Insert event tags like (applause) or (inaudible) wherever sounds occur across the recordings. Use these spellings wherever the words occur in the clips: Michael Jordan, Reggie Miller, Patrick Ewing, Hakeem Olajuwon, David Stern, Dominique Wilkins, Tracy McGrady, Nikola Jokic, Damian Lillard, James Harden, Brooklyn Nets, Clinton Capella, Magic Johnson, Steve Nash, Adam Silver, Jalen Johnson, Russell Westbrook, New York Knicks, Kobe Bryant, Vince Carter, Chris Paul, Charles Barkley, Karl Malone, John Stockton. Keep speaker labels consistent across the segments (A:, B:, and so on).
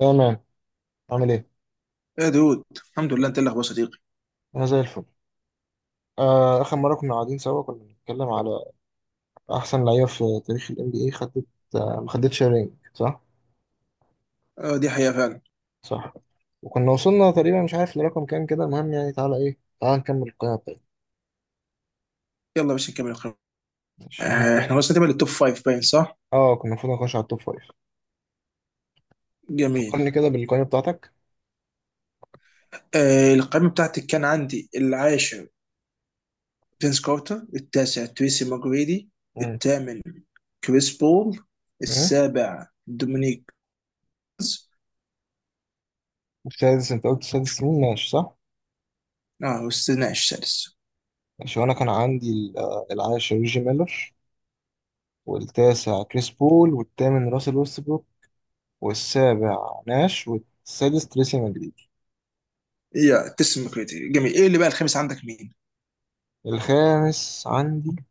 A: تمام. عامل ايه؟
B: يا دود، الحمد لله. انت اللي اخبار صديقي؟
A: انا زي الفل. اخر مره كنا قاعدين سوا كنا بنتكلم على احسن لعيبه في تاريخ الام بي اي خدت، ما خدتش رينج صح؟
B: آه، دي حقيقة فعلا.
A: صح. وكنا وصلنا تقريبا مش عارف لرقم كام كده، المهم يعني تعالى ايه، تعالى نكمل القائمه بتاعتنا.
B: يلا باش نكمل القائمة.
A: ماشي احنا
B: آه،
A: كنا،
B: احنا وصلنا تقريبا للتوب فايف باين صح؟
A: اه كنا المفروض نخش على التوب فايف.
B: جميل.
A: فكرني كده بالقائمه بتاعتك.
B: آه، القائمة بتاعتي كان عندي العاشر فينس كارتر، التاسع تريسي ماجريدي،
A: امم.
B: الثامن كريس بول،
A: ايه.
B: السابع دومينيك كوز.
A: السادس انت قلت السادس مين ماشي صح؟
B: اه، واستثناء السادس.
A: ماشي وانا كان عندي العاشر ريجي ميلر، والتاسع كريس بول، والثامن راسل ويست، والسابع ناش، والسادس تريسي مدريدي.
B: يا تريسي ماجريدي، جميل. ايه اللي بقى الخامس عندك مين؟
A: الخامس عندي،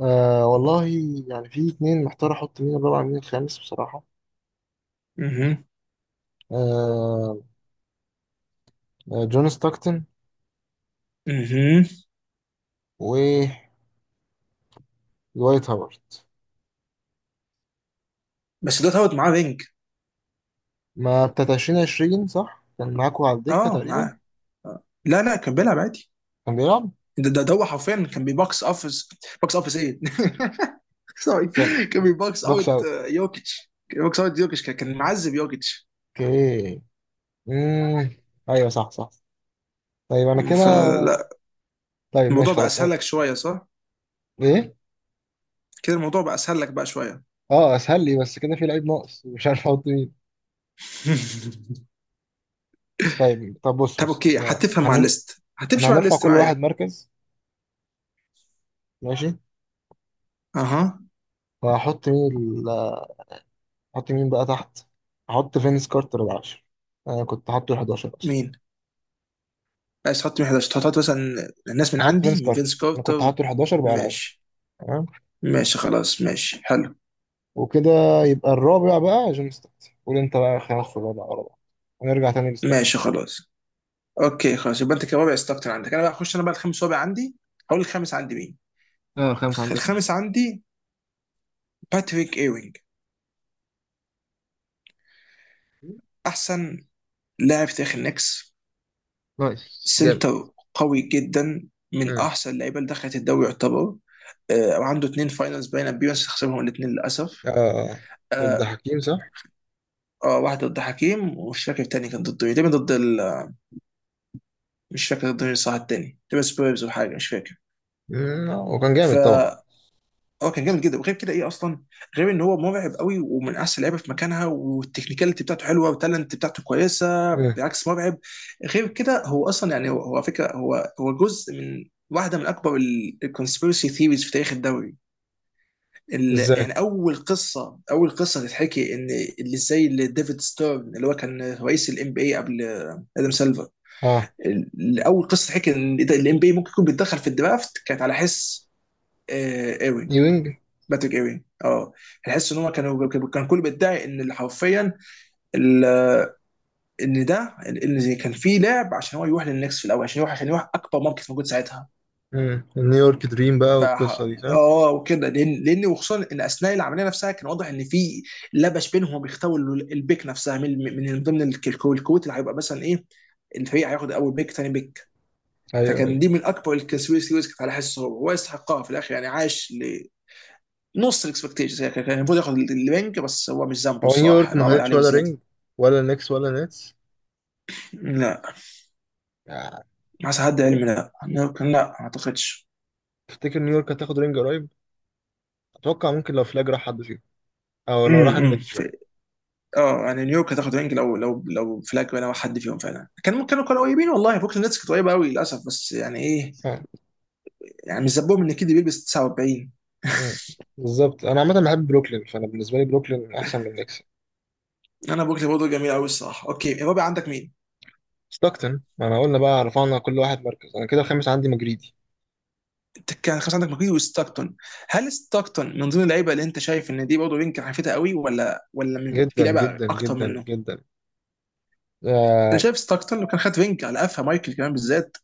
A: آه والله، يعني في اتنين محتار احط مين الرابع مين الخامس بصراحة.
B: اها.
A: آه. جون ستاكتن
B: اها.
A: ودوايت هاورد.
B: بس ده تعود معاه رينج.
A: ما بتاعت 2020 صح؟ كان معاكوا على الدكة
B: اه
A: تقريبا.
B: معاه. آه. لا لا، كان بيلعب عادي.
A: كان بيلعب؟
B: ده هو حرفيا كان بيبوكس اوفيس. بوكس اوفيس ايه؟ (laughs) سوري.
A: كان
B: كان بيبوكس
A: بوكس
B: اوت،
A: اوت.
B: يوكيتش. كان بيبوكس اوت يوكيتش، كان معذب يوكيتش.
A: اوكي. مم. ايوه صح صح. طيب انا كده.
B: فلا.
A: طيب ماشي
B: الموضوع بقى
A: خلاص
B: اسهل
A: أه.
B: لك شويه صح؟
A: ايه؟
B: كده الموضوع بقى اسهل لك بقى شويه.
A: اه اسهل لي بس كده في لعيب ناقص مش عارف احط مين.
B: (laughs)
A: طيب طب بص
B: طب
A: بص
B: اوكي،
A: احنا
B: هتفهم مع الليست،
A: احنا
B: هتمشي مع
A: هنرفع
B: الليست
A: كل واحد
B: معايا.
A: مركز. ماشي.
B: اها.
A: فهحط مين ال... هحط مين بقى تحت. هحط فينس كارتر على 10، انا كنت حاطه ال 11 اصلا.
B: مين عايز تحط مين 11؟ تحط مثلا الناس من
A: هحط
B: عندي
A: فينس
B: من فينس
A: كارتر انا كنت
B: كارتر.
A: حاطه ال 11 بقى على 10.
B: ماشي.
A: تمام.
B: ماشي خلاص، ماشي حلو.
A: وكده يبقى الرابع بقى جون ستوكس، قول انت بقى خمس ورابع ورا بعض ونرجع تاني لستوكس.
B: ماشي خلاص، اوكي خلاص، يبقى انت كرابع استكتر عندك، انا بقى هخش انا بقى الخامس رابع عندي. هقول الخامس عندي مين.
A: اه خمسة عندك
B: الخامس
A: مين؟
B: عندي باتريك ايوينج، احسن لاعب في تاريخ النكس.
A: نايس جامد.
B: سنتر قوي جدا، من
A: امم.
B: احسن اللعيبه اللي دخلت الدوري يعتبر. آه، عنده اثنين فاينلز باين ابيرنس، خسرهم الاثنين للاسف.
A: آه ضد
B: آه.
A: حكيم صح؟
B: واحده ضد حكيم، ومش فاكر الثاني كان ضد ايه، تقريباً ضد ال... مش فاكر ضد مين صح، الثاني تقريبا سبيرز ولا حاجه، مش فاكر.
A: هو كان
B: ف
A: جامد طبعا.
B: اه، كان جامد
A: بس-
B: جدا. وغير كده ايه اصلا، غير ان هو مرعب قوي، ومن احسن اللعيبه في مكانها، والتكنيكاليتي بتاعته حلوه، والتالنت بتاعته كويسه
A: امم.
B: بالعكس مرعب. غير كده هو اصلا يعني هو على فكره هو هو جزء من واحده من اكبر الكونسبيرسي ثيوريز في تاريخ الدوري. ال-
A: ازاي؟
B: يعني اول قصه، اول قصه تتحكي ان اللي زي اللي ديفيد ستيرن، اللي هو كان رئيس الام بي اي قبل ادم سيلفر.
A: اه.
B: ال- اول قصه تحكي ان الام بي ممكن يكون بيتدخل في الدرافت، كانت على حس ايرين.
A: نيوينج.
B: باتريك ايرين، اه. تحس ان هم كانوا، كان كل بيدعي ان اللي حرفيا ال- ان ده، ان كان في لعب عشان هو يروح للنكس في الاول، عشان يروح، عشان يروح اكبر ماركت موجود ساعتها.
A: نيويورك دريم بقى
B: ف
A: والقصة دي صح؟
B: اه، وكده. لان وخصوصا ان اثناء العمليه نفسها كان واضح ان في لبش بينهم، وبيختاروا ال- البيك نفسها من ضمن الك- الكو- الكوت، اللي هيبقى مثلا ايه الفريق هياخد اول بيك، ثاني بيك.
A: ايوه
B: فكان
A: ايوه.
B: دي من اكبر الكونسبيرسي ريسك. على حسه هو، هو يستحقها في الاخر يعني. عاش نص الاكسبكتيشنز، يعني كان المفروض ياخد الوينج، بس هو مش ذنبه
A: هو
B: الصراحه،
A: نيويورك ما
B: انه عمل
A: خدتش
B: عليه
A: ولا
B: وزياده.
A: رينج ولا نكس ولا نتس
B: لا،
A: يعني.
B: حسب حد علمي، لا لا، ما اعتقدش.
A: تفتكر نيويورك هتاخد رينج قريب؟ اتوقع ممكن لو فلاج راح حد فيهم، او لو راح
B: امم.
A: النكس بقى.
B: اه يعني، نيويورك هتاخد وينج لو لو فلاج ولا حد فيهم فعلا. كان ممكن، كانوا قريبين والله. بوكلين نتس كانت قريبه قوي للاسف، بس يعني ايه،
A: آه.
B: يعني مش ذنبهم ان كيدي بيلبس 49.
A: آه. بالظبط. انا عامه بحب بروكلين، فانا بالنسبه لي بروكلين احسن من النكس.
B: انا بوكلين برضه جميل قوي الصراحه. اوكي، الرابع عندك مين؟
A: ستوكتن. ما انا قلنا بقى رفعنا كل واحد مركز، انا كده الخامس عندي مجريدي.
B: انت كان خلاص عندك ماكريدي وستاكتون. هل ستاكتون من ضمن اللعيبه اللي انت شايف ان دي برضه وينج حيفتها قوي؟ ولا من- في
A: جدا
B: لعيبه
A: جدا
B: اكتر
A: جدا
B: منه؟
A: جدا.
B: انا
A: آه.
B: شايف ستاكتون لو كان خد رينج على قفا مايكل كمان بالذات،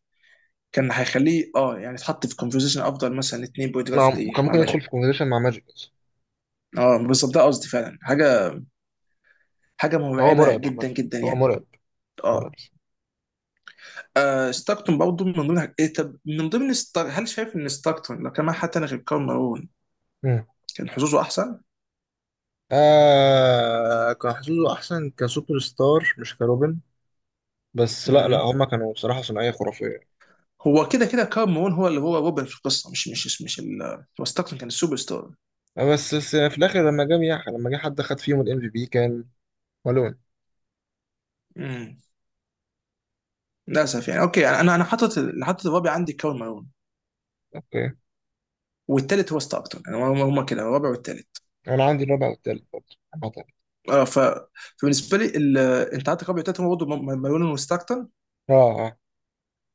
B: كان هيخليه اه يعني يتحط في كونفرزيشن افضل مثلا اتنين بوينت جارد في
A: نعم كان
B: التاريخ مع
A: ممكن يدخل
B: ماجيك.
A: في كونفرسيشن مع ماجيك بس.
B: اه بالظبط ده قصدي فعلا. حاجه، حاجه
A: هو
B: مرعبه
A: مرعب عامه.
B: جدا جدا
A: هو
B: يعني.
A: مرعب.
B: اه.
A: مرعب.
B: ستاكتون برضه من ضمن حاج- إيه، طب من ضمن ستار... هل شايف ان ستاكتون لو كان معاه حد تاني غير كارل مارون،
A: مم.
B: كان حظوظه احسن؟
A: آه كان حظوظه احسن كسوبر ستار مش كروبن. بس لا لا
B: مم.
A: هما كانوا بصراحة ثنائية خرافية.
B: هو كده كده كارل مارون هو اللي هو روبن في القصه. مش ال... هو ستاكتون كان السوبر ستار.
A: بس في الآخر لما لما جه حد خد فيهم الام في بي كان بالون.
B: مم. للاسف يعني. اوكي، انا حاطط، اللي حاطط الرابع عندي كارل مارون،
A: اوكي.
B: والثالث هو ستاركتون، يعني هم هم كده الرابع والثالث.
A: انا عندي الرابع والتالت برضه عامة.
B: اه. فبالنسبه لي ال... انت عندك رابع وثالث هم برضه م- مالون وستاركتون
A: اه. اه.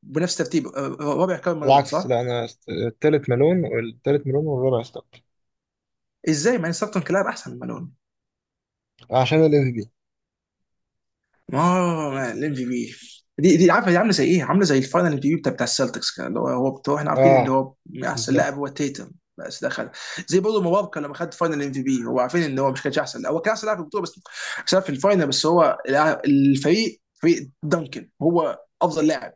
B: بنفس ترتيب. رابع كان مالون
A: العكس.
B: صح؟
A: لا انا التالت مالون، والتالت مالون والرابع ستوك.
B: ازاي مع ان ستاركتون كان لاعب احسن من مالون؟
A: عشان الام في بي.
B: اه الام في بي. دي، عارفه دي عامله زي ايه؟ عامله زي الفاينل ام في بي بتاع السلتكس، كان اللي هو هو بتوع، احنا عارفين اللي
A: اه
B: هو احسن لاعب
A: بالظبط.
B: هو تيتم، بس دخل زي برضه مبابكا لما خد فاينل ام في بي. هو عارفين ان هو مش كانش احسن، هو كان احسن لاعب في البطوله بس عشان في الفاينل بس، هو الع- الفريق، فريق دانكن، هو افضل لاعب.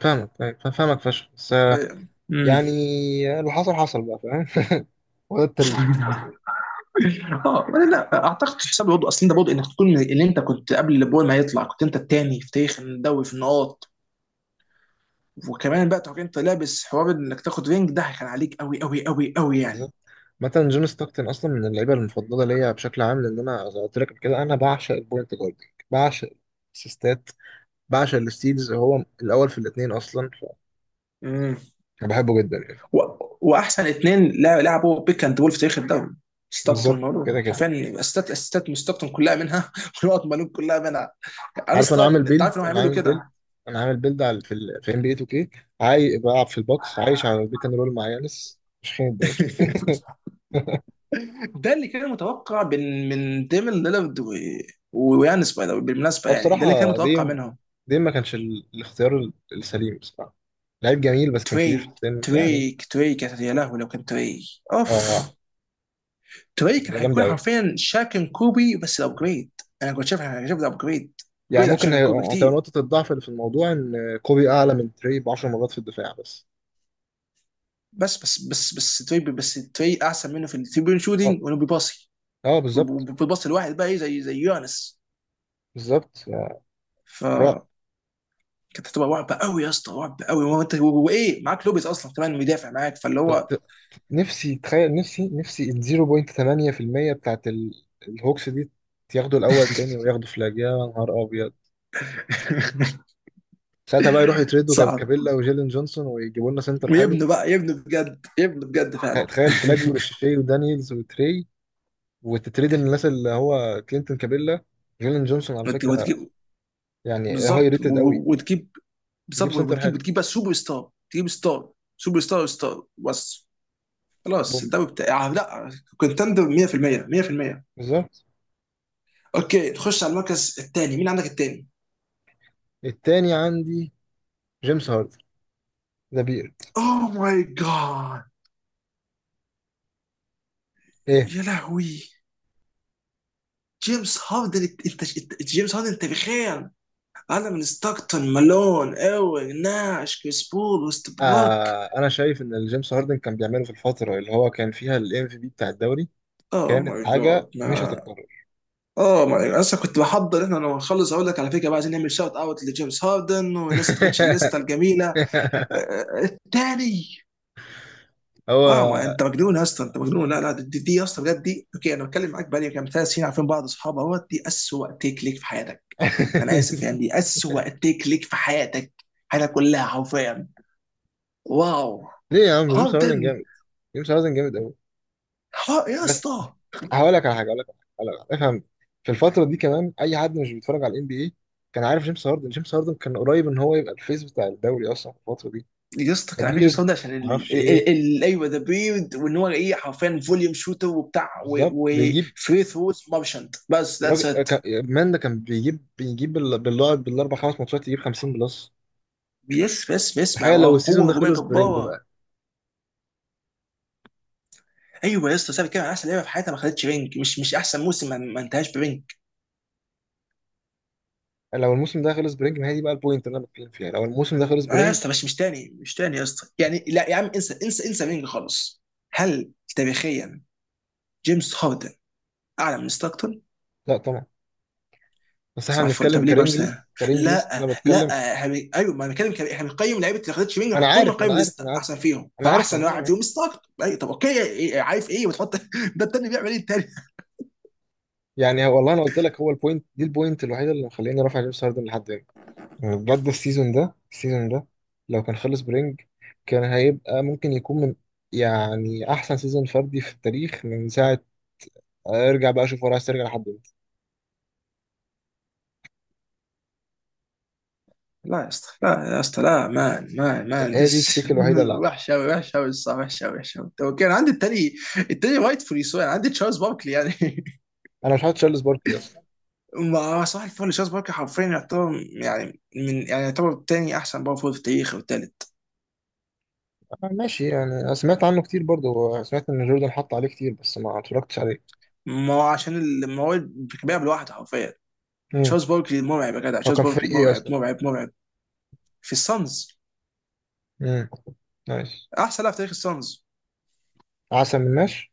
A: فاهمك فشخ بس،
B: امم.
A: يعني اللي حصل حصل بقى فاهم (laughs) وده التاريخ بس.
B: (laughs) اه، ولا لا اعتقد. تحسب برضه اصل انت برضه انك تكون من اللي انت كنت قبل اللي بول ما يطلع، كنت انت التاني في تاريخ الدوري في النقاط، وكمان بقى تبقى انت لابس حوار انك تاخد رينج. ده كان عليك قوي قوي قوي قوي يعني.
A: بالظبط. مثلا جون ستوكتن اصلا من اللعيبه المفضله ليا بشكل عام، لان انا زي ما قلت لك قبل كده انا بعشق البوينت جارد. بعشق السيستات، بعشق الستيلز، هو الاول في الاثنين اصلا.
B: امم.
A: فانا بحبه جدا يعني.
B: و... واحسن اثنين لعبوا بيك اند بول في تاريخ الدوري،
A: بالظبط
B: ستاكتون
A: كده
B: مالون،
A: كده.
B: حرفيا استات استات من ستاكتون كلها منها (laughs) ونقط مالون كلها منها.
A: عارف. انا عامل
B: انستابل. انت
A: بيلد
B: عارف انهم
A: انا
B: هيعملوا
A: عامل بيلد
B: كده.
A: انا عامل بيلد على في ال في ام بي اي 2 كي. عاي بلعب في البوكس عايش على البيك اند رول مع يانس مش خين الدوري.
B: (laughs) ده اللي كان متوقع من ديمن ليلارد و- ويانس باي ذا واي، بالمناسبه
A: اه
B: يعني، ده اللي كان
A: بصراحه.
B: متوقع
A: ديم.
B: منهم.
A: ديم ما كانش الاختيار السليم بصراحه. لعيب جميل بس كان كبير في
B: تري،
A: السن يعني.
B: تري تري كانت يا لهوي لو كان تري. اوف.
A: اه.
B: تري
A: كانت
B: كان
A: جامده
B: هيكون
A: قوي.
B: حرفيا شاكن كوبي بس الابجريد. انا كنت شايف، انا شايف الابجريد،
A: يعني
B: جريد عن
A: ممكن
B: شاكن كوبي
A: هتبقى
B: كتير.
A: نقطه الضعف اللي في الموضوع ان كوبي اعلى من تري ب 10 مرات في الدفاع بس.
B: بس تري، بس تري احسن منه في الثري بوينت
A: اه.
B: شوتنج، وانه بيباصي
A: اه بالظبط.
B: بالباص الواحد بقى ايه زي يانس.
A: بالظبط.
B: ف
A: رعب.
B: كانت هتبقى رعب قوي يا اسطى، رعب قوي. وانت وايه، معاك لوبيز اصلا كمان، مدافع معاك، فاللي هو.
A: نفسي تخيل، نفسي ال 0.8% بتاعت الهوكس دي ياخدوا الاول تاني وياخدوا فلاج، يا نهار ابيض.
B: (laughs)
A: ساعتها بقى يروحوا
B: (applause)
A: يتريدوا
B: صعب.
A: كابيلا وجيلين جونسون ويجيبوا لنا سنتر حلو.
B: ويبنوا بقى، يبنوا بجد، يبنوا بجد فعلا.
A: تخيل فلاج وريشيشي ودانييلز وتري، وتتريد الناس اللي هو كلينتون كابيلا، جيلين جونسون
B: (applause)
A: على فكره.
B: وتجيب.
A: يعني هاي
B: بالظبط،
A: ريتد قوي.
B: وتجيب. بالظبط،
A: جيب سنتر حلو.
B: وتجيب، بس سوبر ستار. تجيب ستار، سوبر ستار، ستار بس. خلاص
A: بوم.
B: الدوري بتاع لا. كونتندر 100%، 100%.
A: بالظبط.
B: اوكي، تخش على المركز الثاني، مين عندك الثاني؟
A: التاني عندي جيمس هاردن، ذا بيرد.
B: اوه ماي جاد.
A: ايه.
B: يا لهوي. جيمس هاردن، جيمس هاردن انت بخير؟ انا من ستاكتون، مالون، اوين، ناش، كريس بول، وست.
A: آه انا شايف ان الجيمس هاردن كان بيعمله في الفتره اللي هو كان فيها الام في بي بتاع الدوري
B: اوه
A: كانت
B: ماي جاد
A: حاجة
B: ما
A: مش هتتكرر.
B: اوه ماي جاد، اصلا كنت بحضر احنا لما نخلص اقول لك على فكره بقى، عايزين نعمل شوت اوت لجيمس هاردن والناس اللي تغيرش الليسته
A: (laughs)
B: الجميله. التاني. اه، ما
A: هو.
B: انت مجنون يا اسطى، انت مجنون. لا لا، دي يا اسطى، بجد دي اوكي، انا بتكلم معاك بقالي كام ثلاث سنين، عارفين بعض، اصحاب، اهوت دي اسوأ تيك ليك في حياتك. انا اسف
A: (laughs)
B: يعني، دي اسوأ تيك ليك في حياتك، حياتك كلها حرفيا. واو.
A: ليه يا عم جيمس
B: هاردن.
A: هاردن جامد. جيمس هاردن جامد قوي.
B: يا
A: بس.
B: اسطى.
A: هقول لك على حاجة هقول لك على حاجة هقول لك على حاجة. افهم. في الفترة دي كمان أي حد مش بيتفرج على الان بي اي كان عارف جيمس هاردن. جيمس هاردن كان قريب إن هو يبقى الفيس بتاع الدوري أصلا في الفترة دي.
B: يا اسطى، كان عارفين
A: كبير.
B: جيسون ده عشان ال...
A: معرفش إيه.
B: ال... ال... ايوه، ذا بريد، وان هو ايه حرفيا فوليوم شوتر وبتاع
A: بالظبط بيجيب.
B: وفري ثروز مارشنت، بس ذاتس
A: الراجل،
B: ات.
A: مان ده كان بيجيب بالله بالأربع خمس ماتشات يجيب 50 بلس.
B: بيس بس
A: تخيل
B: مع
A: لو السيزون
B: قوه
A: ده
B: هجوميه
A: خلص برينج.
B: جباره. ايوه يا اسطى، سابق كده احسن لعيبه في حياتها ما خدتش رينج، مش احسن موسم، ما انتهاش برينج.
A: لو الموسم ده خلص برينج، ما هي دي بقى البوينت اللي انا بتكلم فيها، لو الموسم ده خلص
B: آه يا
A: برينج.
B: اسطى، مش تاني، مش تاني يا اسطى يعني. لا يا عم، انسى، انسى انسى رينج خالص. هل تاريخيا جيمس هاردن اعلى من ستاكتون؟
A: لا طبعا. بس احنا
B: صباح الفل،
A: بنتكلم
B: طب ليه
A: كرينجلس،
B: بارسنال؟
A: كرينجلس انا
B: لا
A: بتكلم.
B: لا، احنا بن- ايوه، ما انا بتكلم كده، احنا بنقيم لعيبه اللي خدتش مني
A: انا
B: نحطهم من
A: عارف
B: قائمه
A: انا عارف
B: الليسته،
A: انا عارف
B: احسن فيهم،
A: انا عارف
B: فاحسن
A: والله انا
B: واحد
A: عارف.
B: فيهم ستارت. اي طب اوكي، إيه، عارف ايه وتحط (laughs) ده التاني بيعمل ايه التاني؟
A: يعني هو والله انا قلت لك، هو البوينت دي البوينت الوحيده اللي مخليني رافع جيمس هاردن لحد هنا. يعني بجد السيزون ده لو كان خلص برينج كان هيبقى ممكن يكون من يعني احسن سيزون فردي في التاريخ من ساعه. ارجع بقى اشوف هو عايز ترجع لحد امتى.
B: لا يا اسطى لا. يا اسطى لا، مان مان مان
A: هي دي
B: دس
A: التيك الوحيده اللي
B: (laughs)
A: عندي.
B: وحش قوي، وحش قوي الصراحه، وحش قوي، وحش قوي. طب اوكي، انا عندي التاني. التاني وايت فولي سو، انا عندي تشارلز باركلي يعني. (laughs)
A: انا مش حاطط تشارلز باركلي اصلا.
B: ما صح الفل، تشارلز باركلي حرفيا يعتبر، يعني من يعني، يعتبر تاني احسن باور فول في التاريخ والتالت.
A: ماشي يعني أنا سمعت عنه كتير، برضه سمعت ان جوردن حط عليه كتير بس ما اتفرجتش عليه.
B: ما هو عشان ال-، ما هو بيلعب لوحده حرفيا.
A: امم.
B: تشارلز باركلي مرعب يا جدع،
A: هو
B: تشارلز
A: كان
B: باركلي
A: فريق ايه
B: مرعب،
A: اصلا.
B: مرعب، مرعب. في السانز.
A: امم. نايس.
B: احسن لاعب في تاريخ السانز.
A: عسل من ماش.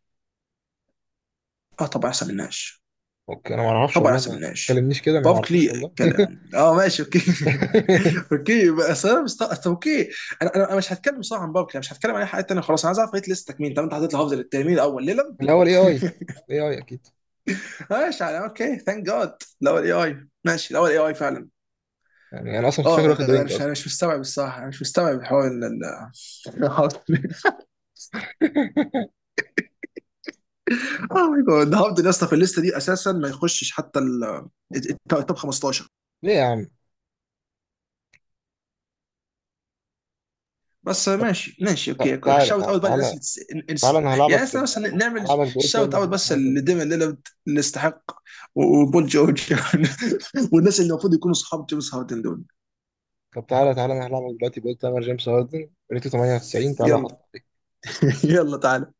B: اه طبعا احسن من ناش.
A: اوكي انا ما اعرفش
B: طبعا
A: والله،
B: احسن من
A: ما
B: ناش.
A: كلمنيش كده انا ما اعرفوش والله.
B: باركلي كلام، اه ماشي اوكي. (laughs)
A: (laughs)
B: اوكي بس انا مست... أصل اوكي. انا مش هتكلم صراحه عن باركلي، أنا مش هتكلم عن اي حاجه ثانيه خلاص. انا عايز اعرف ريت ليستك مين. طب انت حطيت لحافظ التاني مين، الاول ليلم؟
A: الاول اي اي.
B: (laughs)
A: اي اي اكيد.
B: ماشي على اوكي، ثانك جاد. الاول اي اي، ماشي، الاول اي اي فعلا.
A: يعني انا اصلا كنت
B: اه
A: فاكر
B: يا جدع،
A: واخد
B: انا
A: رينج
B: مش
A: اصلا.
B: انا مش مستوعب الصراحه، انا مش مستوعب حوار ال- ال- (laughs)
A: (laughs)
B: اه ماي جاد. هاردن يا اسطى في الليسته دي اساسا ما يخشش حتى ال التوب 15.
A: ليه يا عم؟
B: بس ماشي ماشي
A: تع-
B: اوكي.
A: تعالى
B: شاوت
A: تعالى
B: اوت بقى للناس
A: تعالى
B: اللي تس...
A: تعالى
B: نس...
A: انا هلعبك
B: يعني احنا بس
A: بال،
B: نعمل
A: هلعبك باول
B: شاوت
A: تايمر
B: اوت
A: جيمس
B: بس
A: هاردن دلوقتي.
B: لديمن ليلارد اللي يستحق، وبول جورج. (laughs) والناس اللي المفروض يكونوا صحاب جيمس هاردن دول.
A: طب تعالى تعالى انا هلعبك دلوقتي باول تايمر جيمس هاردن ريتو 98، تعالى احط
B: يلا. (laughs) يلا تعال.